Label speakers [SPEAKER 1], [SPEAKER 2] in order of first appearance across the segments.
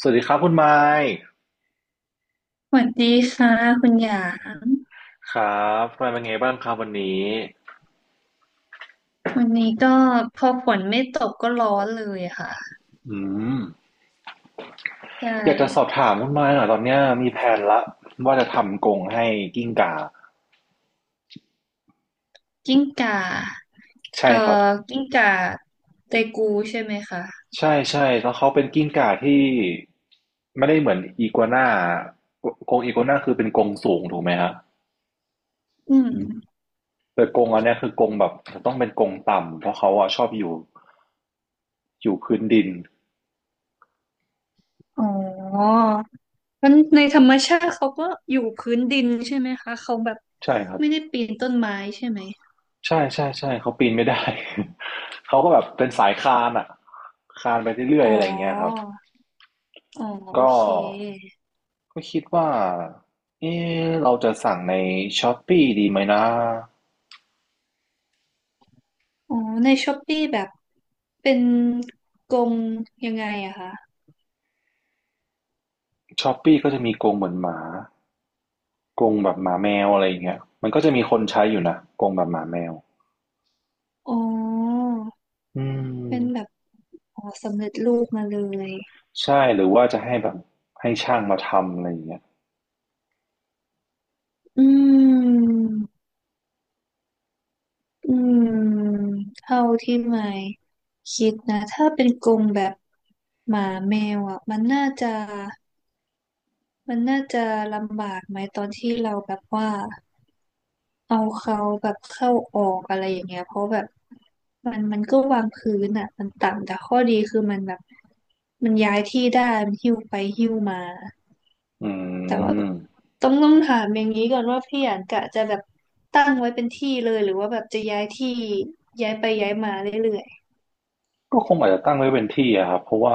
[SPEAKER 1] สวัสดีครับคุณไมค์
[SPEAKER 2] สวัสดีค่ะคุณหยาง
[SPEAKER 1] ครับคุณไมค์เป็นไงบ้างครับวันนี้
[SPEAKER 2] วันนี้ก็พอฝนไม่ตกก็ร้อนเลยอะค่ะ
[SPEAKER 1] อืม
[SPEAKER 2] ใช
[SPEAKER 1] อยากจะสอบ
[SPEAKER 2] ่
[SPEAKER 1] ถามคุณไมค์หน่อยตอนเนี้ยมีแผนละว่าจะทำกรงให้กิ้งก่า
[SPEAKER 2] กิ้งก่า
[SPEAKER 1] ใช่
[SPEAKER 2] เอ่อ
[SPEAKER 1] ครับ
[SPEAKER 2] กิ้งก่าเตกูใช่ไหมคะ
[SPEAKER 1] ใช่ใช่แล้วเขาเป็นกิ้งก่าที่ไม่ได้เหมือนอีกัวน่ากรงอีกัวน่าคือเป็นกรงสูงถูกไหมฮะ
[SPEAKER 2] อืม
[SPEAKER 1] แต่กรงอันเนี้ยคือกรงแบบต้องเป็นกรงต่ำเพราะเขาอะชอบอยู่พื้นดิน
[SPEAKER 2] อ๋อมันในธรรมชาติเขาก็อยู่พื้นดินใช่ไหมคะเขาแบบ
[SPEAKER 1] ใช่ครับ
[SPEAKER 2] ไม่ได้ปีนต้นไม้ใช่ไหม
[SPEAKER 1] ใช่ๆๆเขาปีนไม่ได้ เขาก็แบบเป็นสายคานอะคานไปเรื่อ
[SPEAKER 2] อ๋
[SPEAKER 1] ย
[SPEAKER 2] อ
[SPEAKER 1] ๆอะไรอย่างเงี้ยครับ
[SPEAKER 2] อ๋อโอ
[SPEAKER 1] ก็
[SPEAKER 2] เค
[SPEAKER 1] ก็คิดว่าเอเราจะสั่งใน Shopee ดีไหมนะ
[SPEAKER 2] อ๋อในช้อปปี้แบบเป็นกรงยังไงอะคะ
[SPEAKER 1] Shopee ก็จะมีกรงเหมือนหมากรงแบบหมาแมวอะไรอย่างเงี้ยมันก็จะมีคนใช้อยู่นะกรงแบบหมาแมว
[SPEAKER 2] อ๋อ
[SPEAKER 1] อื
[SPEAKER 2] เป็นแบ
[SPEAKER 1] ม
[SPEAKER 2] บอ๋อสำเร็จรูปมาเลย
[SPEAKER 1] ใช่หรือว่าจะให้แบบให้ช่างมาทำอะไรอย่างเงี้ย
[SPEAKER 2] อืมอืมเท่าที่ไม่คิดนะถ้าเป็นกรงแบบหมาแมวอ่ะมันน่าจะมันน่าจะลำบากไหมตอนที่เราแบบว่าเอาเขาแบบเข้าออกอะไรอย่างเงี้ยเพราะแบบมันก็วางพื้นอ่ะมันต่ำแต่ข้อดีคือมันแบบมันย้ายที่ได้มันหิ้วไปหิ้วมา
[SPEAKER 1] อื
[SPEAKER 2] แต่ว่า
[SPEAKER 1] ม
[SPEAKER 2] ต้องถามอย่างนี้ก่อนว่าพี่อยากกะจะแบบตั้งไว้เป็นที่เลยหรือว่าแบบจะย้ายที่ย้ายไปย้ายมาเรื่อย
[SPEAKER 1] ก็คงอาจจะตั้งไว้เป็นที่อะครับเพราะว่า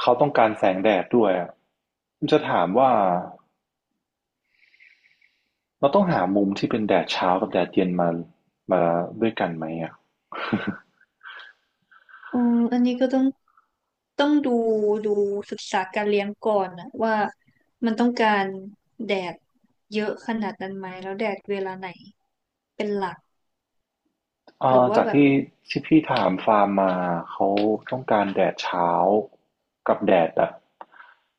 [SPEAKER 1] เขาต้องการแสงแดดด้วยอะผมจะถามว่าเราต้องหามุมที่เป็นแดดเช้ากับแดดเย็นมาด้วยกันไหมอะ
[SPEAKER 2] ๆอืมอันนี้ก็ต้องต้องดูศึกษาการเลี้ยงก่อนนะว่ามันต้องการแดดเยอะขนาดนั้นไหมแล้วแดดเวลาไหนเป็นหลักหรื
[SPEAKER 1] อ่า
[SPEAKER 2] อว่า
[SPEAKER 1] จาก
[SPEAKER 2] แบบ
[SPEAKER 1] ที่ที่พี่ถามฟาร์มมาเขาต้องการแดดเช้ากับแดดแบบ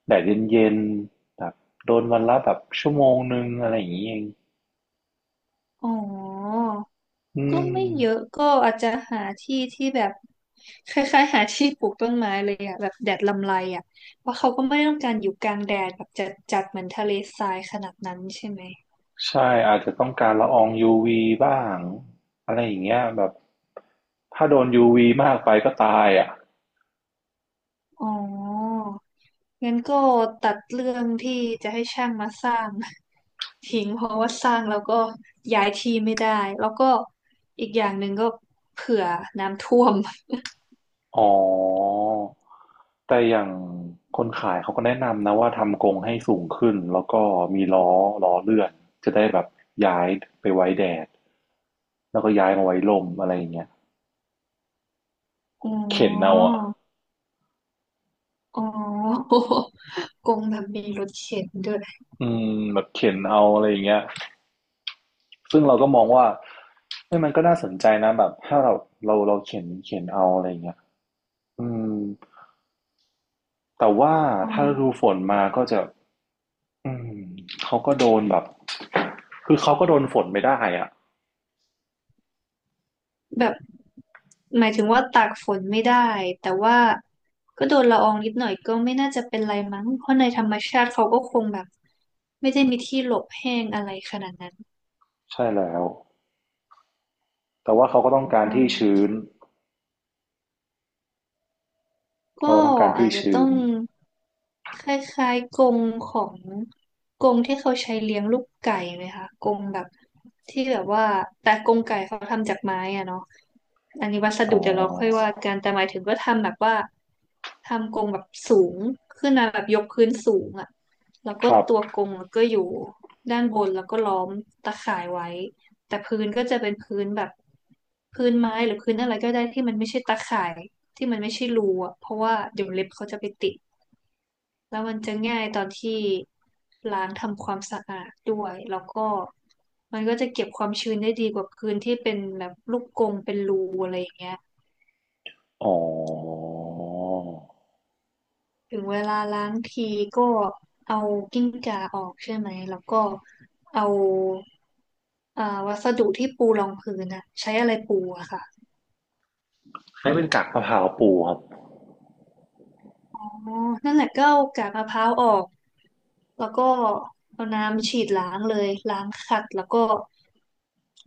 [SPEAKER 1] แดดเย็นๆแบบโดนวันละแบบชั่วโมง1อะไรอย่างเงี้ยเอง
[SPEAKER 2] อ๋อ
[SPEAKER 1] อื
[SPEAKER 2] ก็
[SPEAKER 1] ม
[SPEAKER 2] ไม่เยอะก็อาจจะหาที่ที่แบบคล้ายๆหาที่ปลูกต้นไม้เลยอะแบบแดดลำไรอะเพราะเขาก็ไม่ได้ต้องการอยู่กลางแดดแบบจัดจัดเหมือนทะเลทรายขนาดนั้นใช่ไหม
[SPEAKER 1] ใช่อาจจะต้องการละอองยูวีบ้างอะไรอย่างเงี้ยแบบถ้าโดนยูวีมากไปก็ตายอ่ะ
[SPEAKER 2] อ๋องั้นก็ตัดเรื่องที่จะให้ช่างมาสร้าง ทิ้งเพราะว่าสร้างแล้วก็ย้ายที่ไม่ได้แล้วก็อีกอย่างหนึ่งก็เผื่อน้ำท่วม
[SPEAKER 1] อ๋อแต่อย่างคนขายเขาก็แนะนำนะว่าทำกรงให้สูงขึ้นแล้วก็มีล้อล้อเลื่อนจะได้แบบย้ายไปไว้แดดแล้วก็ย้ายมาไว้ลมอะไรอย่างเงี้ย
[SPEAKER 2] อ๋
[SPEAKER 1] เข็นเอา
[SPEAKER 2] อ
[SPEAKER 1] อ่ะ
[SPEAKER 2] อ๋อ กงแบบมีรถเข็นด้วย
[SPEAKER 1] อืมแบบเข็นเอาอะไรอย่างเงี้ยซึ่งเราก็มองว่าเฮ้ยมันก็น่าสนใจนะแบบถ้าเราเข็นเอาอะไรอย่างเงี้ยอืม แต่ว่า
[SPEAKER 2] อ๋
[SPEAKER 1] ถ้าฤดู
[SPEAKER 2] อ
[SPEAKER 1] ฝนมาก็จะอืมเขาก็โดนแบบคือเขาก็โดนฝนไม่ได้อ่ะ
[SPEAKER 2] แบบ หมายถึงว่าตากฝนไม่ได้แต่ว่าก็โดนละอองนิดหน่อยก็ไม่น่าจะเป็นไรมั้งเพราะในธรรมชาติเขาก็คงแบบไม่ได้มีที่หลบแห้งอะไรขนาดนั้น
[SPEAKER 1] ใช่แล้วแต่ว่าเขาก็ต้องการ
[SPEAKER 2] อื
[SPEAKER 1] ที่ชื้
[SPEAKER 2] ม
[SPEAKER 1] น
[SPEAKER 2] ก็
[SPEAKER 1] เขาต้องการ
[SPEAKER 2] อา
[SPEAKER 1] ที่
[SPEAKER 2] จจะ
[SPEAKER 1] ชื้
[SPEAKER 2] ต้อ
[SPEAKER 1] น
[SPEAKER 2] งคล้ายๆกรงของกรงที่เขาใช้เลี้ยงลูกไก่ไหมคะกรงแบบที่แบบว่าแต่กรงไก่เขาทำจากไม้อะเนาะอันนี้วัส
[SPEAKER 1] อ๋อ
[SPEAKER 2] ดุเดี๋ยวเราค่อยว่ากันแต่หมายถึงก็ทำแบบว่าทำกรงแบบสูงขึ้นมาแบบยกพื้นสูงอะแล้ว
[SPEAKER 1] ค
[SPEAKER 2] ก็
[SPEAKER 1] รับ
[SPEAKER 2] ตัวกรงก็อยู่ด้านบนแล้วก็ล้อมตะข่ายไว้แต่พื้นก็จะเป็นพื้นแบบพื้นไม้หรือพื้นอะไรก็ได้ที่มันไม่ใช่ตะข่าย ที่มันไม่ใช่รูอะเพราะว่าเดี๋ยวเล็บเขาจะไปติดแล้วมันจะง่ายตอนที่ล้างทำความสะอาดด้วย แล้วก็มันก็จะเก็บความชื้นได้ดีกว่าพื้นที่เป็นแบบลูกกรงเป็นรูอะไรอย่างเงี้ย
[SPEAKER 1] อ๋อ
[SPEAKER 2] ถึงเวลาล้างทีก็เอากิ้งก่าออกใช่ไหม แล้วก็เอาอ่าวัสดุที่ปูรองพื้นอะใช้อะไรปูอะค่ะ
[SPEAKER 1] ให้เป็นกักมะพร้าวปูครับ
[SPEAKER 2] อ๋อนั่นแหละก็เอากากมะพร้าวออกแล้วก็เอาน้ำฉีดล้างเลยล้างขัดแล้วก็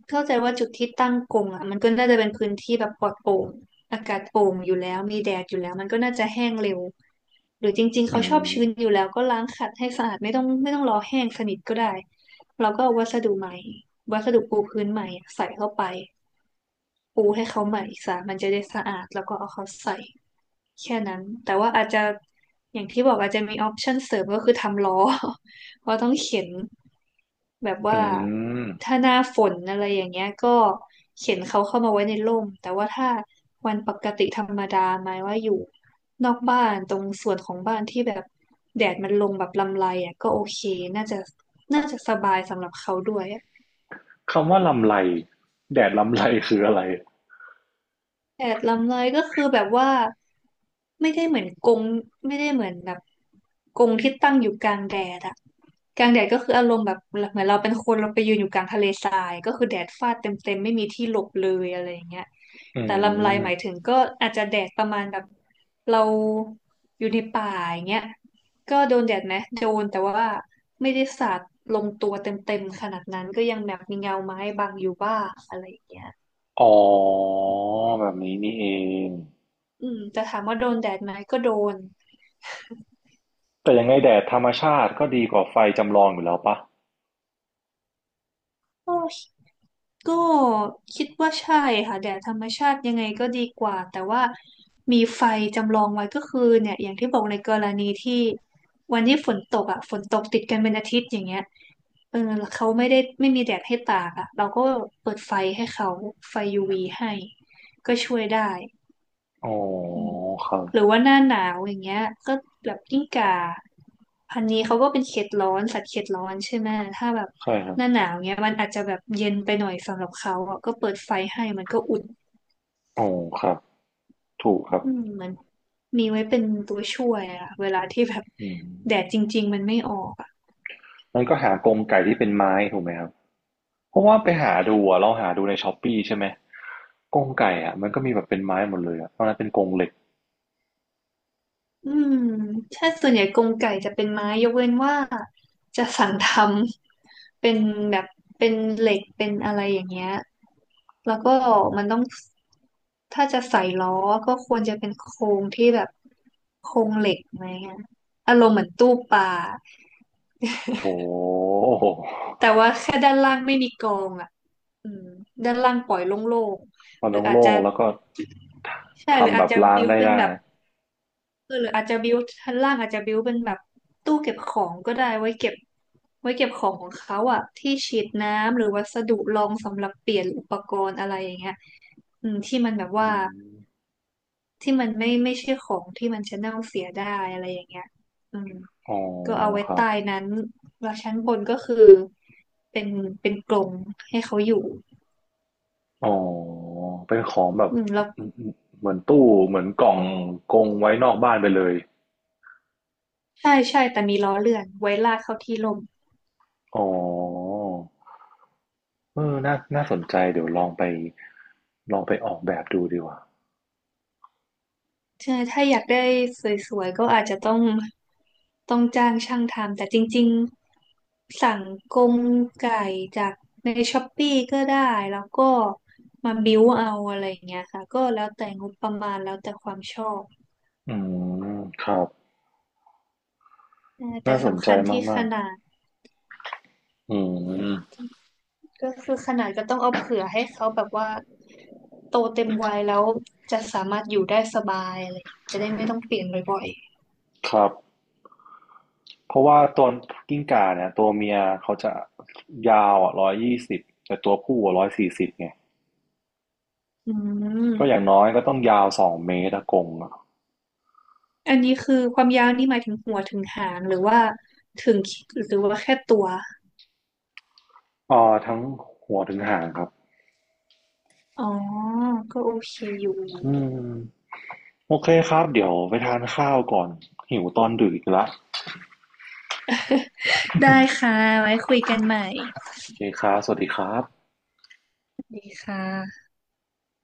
[SPEAKER 2] เข้าใจว่าจุดที่ตั้งกรงอ่ะมันก็น่าจะเป็นพื้นที่แบบปลอดโปร่งอากาศโปร่งอยู่แล้วมีแดดอยู่แล้วมันก็น่าจะแห้งเร็วหรือจริงๆ
[SPEAKER 1] อื
[SPEAKER 2] เขาชอบ
[SPEAKER 1] ม
[SPEAKER 2] ชื้นอยู่แล้วก็ล้างขัดให้สะอาดไม่ต้องรอแห้งสนิทก็ได้เราก็เอาวัสดุใหม่วัสดุปูพื้นใหม่ใส่เข้าไปปูให้เขาใหม่ซะมันจะได้สะอาดแล้วก็เอาเขาใส่ แค่นั้นแต่ว่าอาจจะอย่างที่บอกอาจจะมีออปชันเสริมก็คือทำล้อ เพราะต้องเข็นแบบ
[SPEAKER 1] อื
[SPEAKER 2] ว่า
[SPEAKER 1] ม
[SPEAKER 2] ถ้าหน้าฝนอะไรอย่างเงี้ยก็เข็นเขาเข้ามาไว้ในร่มแต่ว่าถ้าวันปกติธรรมดาหมายว่าอยู่นอกบ้านตรงส่วนของบ้านที่แบบแดดมันลงแบบลำไรอ่ะก็โอเคน่าจะน่าจะสบายสำหรับเขาด้วย
[SPEAKER 1] คำว่าลำไรแดดลำไรคืออะไร
[SPEAKER 2] แผดลำเลยก็คือแบบว่าไม่ได้เหมือนกรงไม่ได้เหมือนแบบกรงที่ตั้งอยู่กลางแดดอะกลางแดดก็คืออารมณ์แบบเหมือนเราเป็นคนเราไปยืนอยู่กลางทะเลทรายก็คือแดดฟาดเต็มๆไม่มีที่หลบเลยอะไรอย่างเงี้ย
[SPEAKER 1] อื
[SPEAKER 2] แต่ลำไรหมาย
[SPEAKER 1] ม
[SPEAKER 2] ถึงก็อาจจะแดดประมาณแบบเราอยู่ในป่าอย่างเงี้ยก็โดนแดดไหมโดนแต่ว่าไม่ได้สาดลงตัวเต็มๆขนาดนั้นก็ยังแบบมีเงาไม้บังอยู่บ้างอะไรอย่างเงี้ย
[SPEAKER 1] อ๋อแบบนี้นี่เอง
[SPEAKER 2] อืมแต่ถามว่าโดนแดดไหมก็โดน
[SPEAKER 1] แต่ยังไงแดดธรรมชาติก็ดีกว่าไฟจำลองอยู่แล้วปะ
[SPEAKER 2] ก็ก็คิดว่าใช่ค่ะแดดธรรมชาติยังไงก็ดีกว่าแต่ว่ามีไฟจำลองไว้ก็คือเนี่ยอย่างที่บอกในกรณีที่วันที่ฝนตกอ่ะฝนตกติดกันเป็นอาทิตย์อย่างเงี้ยเออเขาไม่ได้ไม่มีแดดให้ตากอ่ะเราก็เปิดไฟให้เขาไฟ UV ให้ก็ช่วยได้
[SPEAKER 1] อ๋อครับ
[SPEAKER 2] หรือว่าหน้าหนาวอย่างเงี้ยก็แบบกิ้งก่าพันนี้เขาก็เป็นเขตร้อนสัตว์เขตร้อนใช่ไหมถ้าแบบ
[SPEAKER 1] ใช่ครับ
[SPEAKER 2] หน้าหนาวเงี้ยมันอาจจะแบบเย็นไปหน่อยสำหรับเขาอ่ะก็เปิดไฟให้มันก็อุ่น
[SPEAKER 1] อ๋อครับถูกครับ
[SPEAKER 2] อืมมันมีไว้เป็นตัวช่วยอะเวลาที่แบบ
[SPEAKER 1] อืม
[SPEAKER 2] แดดจริงๆมันไม่ออก
[SPEAKER 1] มันก็หากรงไก่ที่เป็นไม้ถูกไหมครับเพราะว่าไปหาดูอะเราหาดูในช้อปปี้ใช่ไหมกรงไก่อะมันก็มีแบบเป็นไม้หมดเลยอะตอนนั้นเป็นกรงเหล็ก
[SPEAKER 2] อืมใช่ส่วนใหญ่กรงไก่จะเป็นไม้ยกเว้นว่าจะสั่งทำเป็นแบบเป็นเหล็กเป็นอะไรอย่างเงี้ยแล้วก็มันต้องถ้าจะใส่ล้อก็ควรจะเป็นโครงที่แบบโครงเหล็กไหมอะอารมณ์เหมือนตู้ปลา
[SPEAKER 1] โอ้โห
[SPEAKER 2] แต่ว่าแค่ด้านล่างไม่มีกองอ่ะอืมด้านล่างปล่อยโล่ง
[SPEAKER 1] มั
[SPEAKER 2] ๆ
[SPEAKER 1] น
[SPEAKER 2] หรืออาจ
[SPEAKER 1] โล่
[SPEAKER 2] จะ
[SPEAKER 1] งๆแล้วก็ท
[SPEAKER 2] ใช่หรือ
[SPEAKER 1] ทำแบ
[SPEAKER 2] อาจ
[SPEAKER 1] บ
[SPEAKER 2] จะ
[SPEAKER 1] ล้าง
[SPEAKER 2] บิ้ว
[SPEAKER 1] ได้
[SPEAKER 2] เป็น
[SPEAKER 1] ได้
[SPEAKER 2] แบบ เออหรืออาจจะบิวชั้นล่างอาจจะบิวเป็นแบบตู้เก็บของก็ได้ไว้เก็บไว้เก็บของของเขาอะที่ฉีดน้ำหรือวัสดุรองสำหรับเปลี่ยนอุปกรณ์อะไรอย่างเงี้ยอืมที่มันแบบ
[SPEAKER 1] อื
[SPEAKER 2] ว่า
[SPEAKER 1] ม
[SPEAKER 2] ที่มันไม่ใช่ของที่มันจะเน่าเสียได้อะไรอย่างเงี้ยอืม
[SPEAKER 1] อ๋อ
[SPEAKER 2] ก็เอาไว้
[SPEAKER 1] ครับ
[SPEAKER 2] ใต้นั้นแล้วชั้นบนก็คือเป็นเป็นกรงให้เขาอยู่
[SPEAKER 1] อ๋อเป็นของแบบ
[SPEAKER 2] อืมแล้ว
[SPEAKER 1] เหมือนตู้เหมือนกล่องกรงไว้นอกบ้านไปเลย
[SPEAKER 2] ใช่ใช่แต่มีล้อเลื่อนไว้ลากเข้าที่ร่ม
[SPEAKER 1] อ๋อ เออน่าน่าสนใจ เดี๋ยวลองไป ลองไปออกแบบดูดีกว่า
[SPEAKER 2] ใช่ถ้าอยากได้สวยๆก็อาจจะต้องจ้างช่างทำแต่จริงๆสั่งกรงไก่จากในช้อปปี้ก็ได้แล้วก็มาบิ้วเอาอะไรอย่างเงี้ยค่ะก็แล้วแต่งบประมาณแล้วแต่ความชอบ
[SPEAKER 1] อืม ครับ
[SPEAKER 2] เออแต่
[SPEAKER 1] น่าสน
[SPEAKER 2] สำ
[SPEAKER 1] ใจ
[SPEAKER 2] คัญที่ข
[SPEAKER 1] มาก
[SPEAKER 2] นาด
[SPEAKER 1] ๆอืม
[SPEAKER 2] ก็คือขนาดก็ต้องเอาเผื่อให้เขาแบบว่าโตเต็มวัยแล้วจะสามารถอยู่ได้สบายอะไรอย่างเงี้ยจะได้ไม่ต้องเปลี่ยนบ่อย
[SPEAKER 1] ครับ เพราะว่าตัวกิ้งก่าเนี่ย ตัวเมียเขาจะยาวอ่ะ120แต่ตัวผู้อ่ะ140ไง
[SPEAKER 2] ๆอื
[SPEAKER 1] ก็อย่าง
[SPEAKER 2] ม
[SPEAKER 1] น้อยก็ต้องยาว2 เมตรอะกรงอ่ะ
[SPEAKER 2] อันนี้คือความยาวนี่หมายถึงหัวถึงหางหรือว่าถึงหรือว่าแค่ตัว
[SPEAKER 1] อ่อทั้งหัวถึงหางครับ
[SPEAKER 2] อ๋อ ก็โอเคอยู่
[SPEAKER 1] อืม โอเคครับ เดี๋ยวไปทานข้าวก่อนหิวตอนดึกอีกแล้ว
[SPEAKER 2] ได้ค่ะ ไว้คุยกันใหม่
[SPEAKER 1] โอเคครับสวัสดีครับ
[SPEAKER 2] ดีค่ะ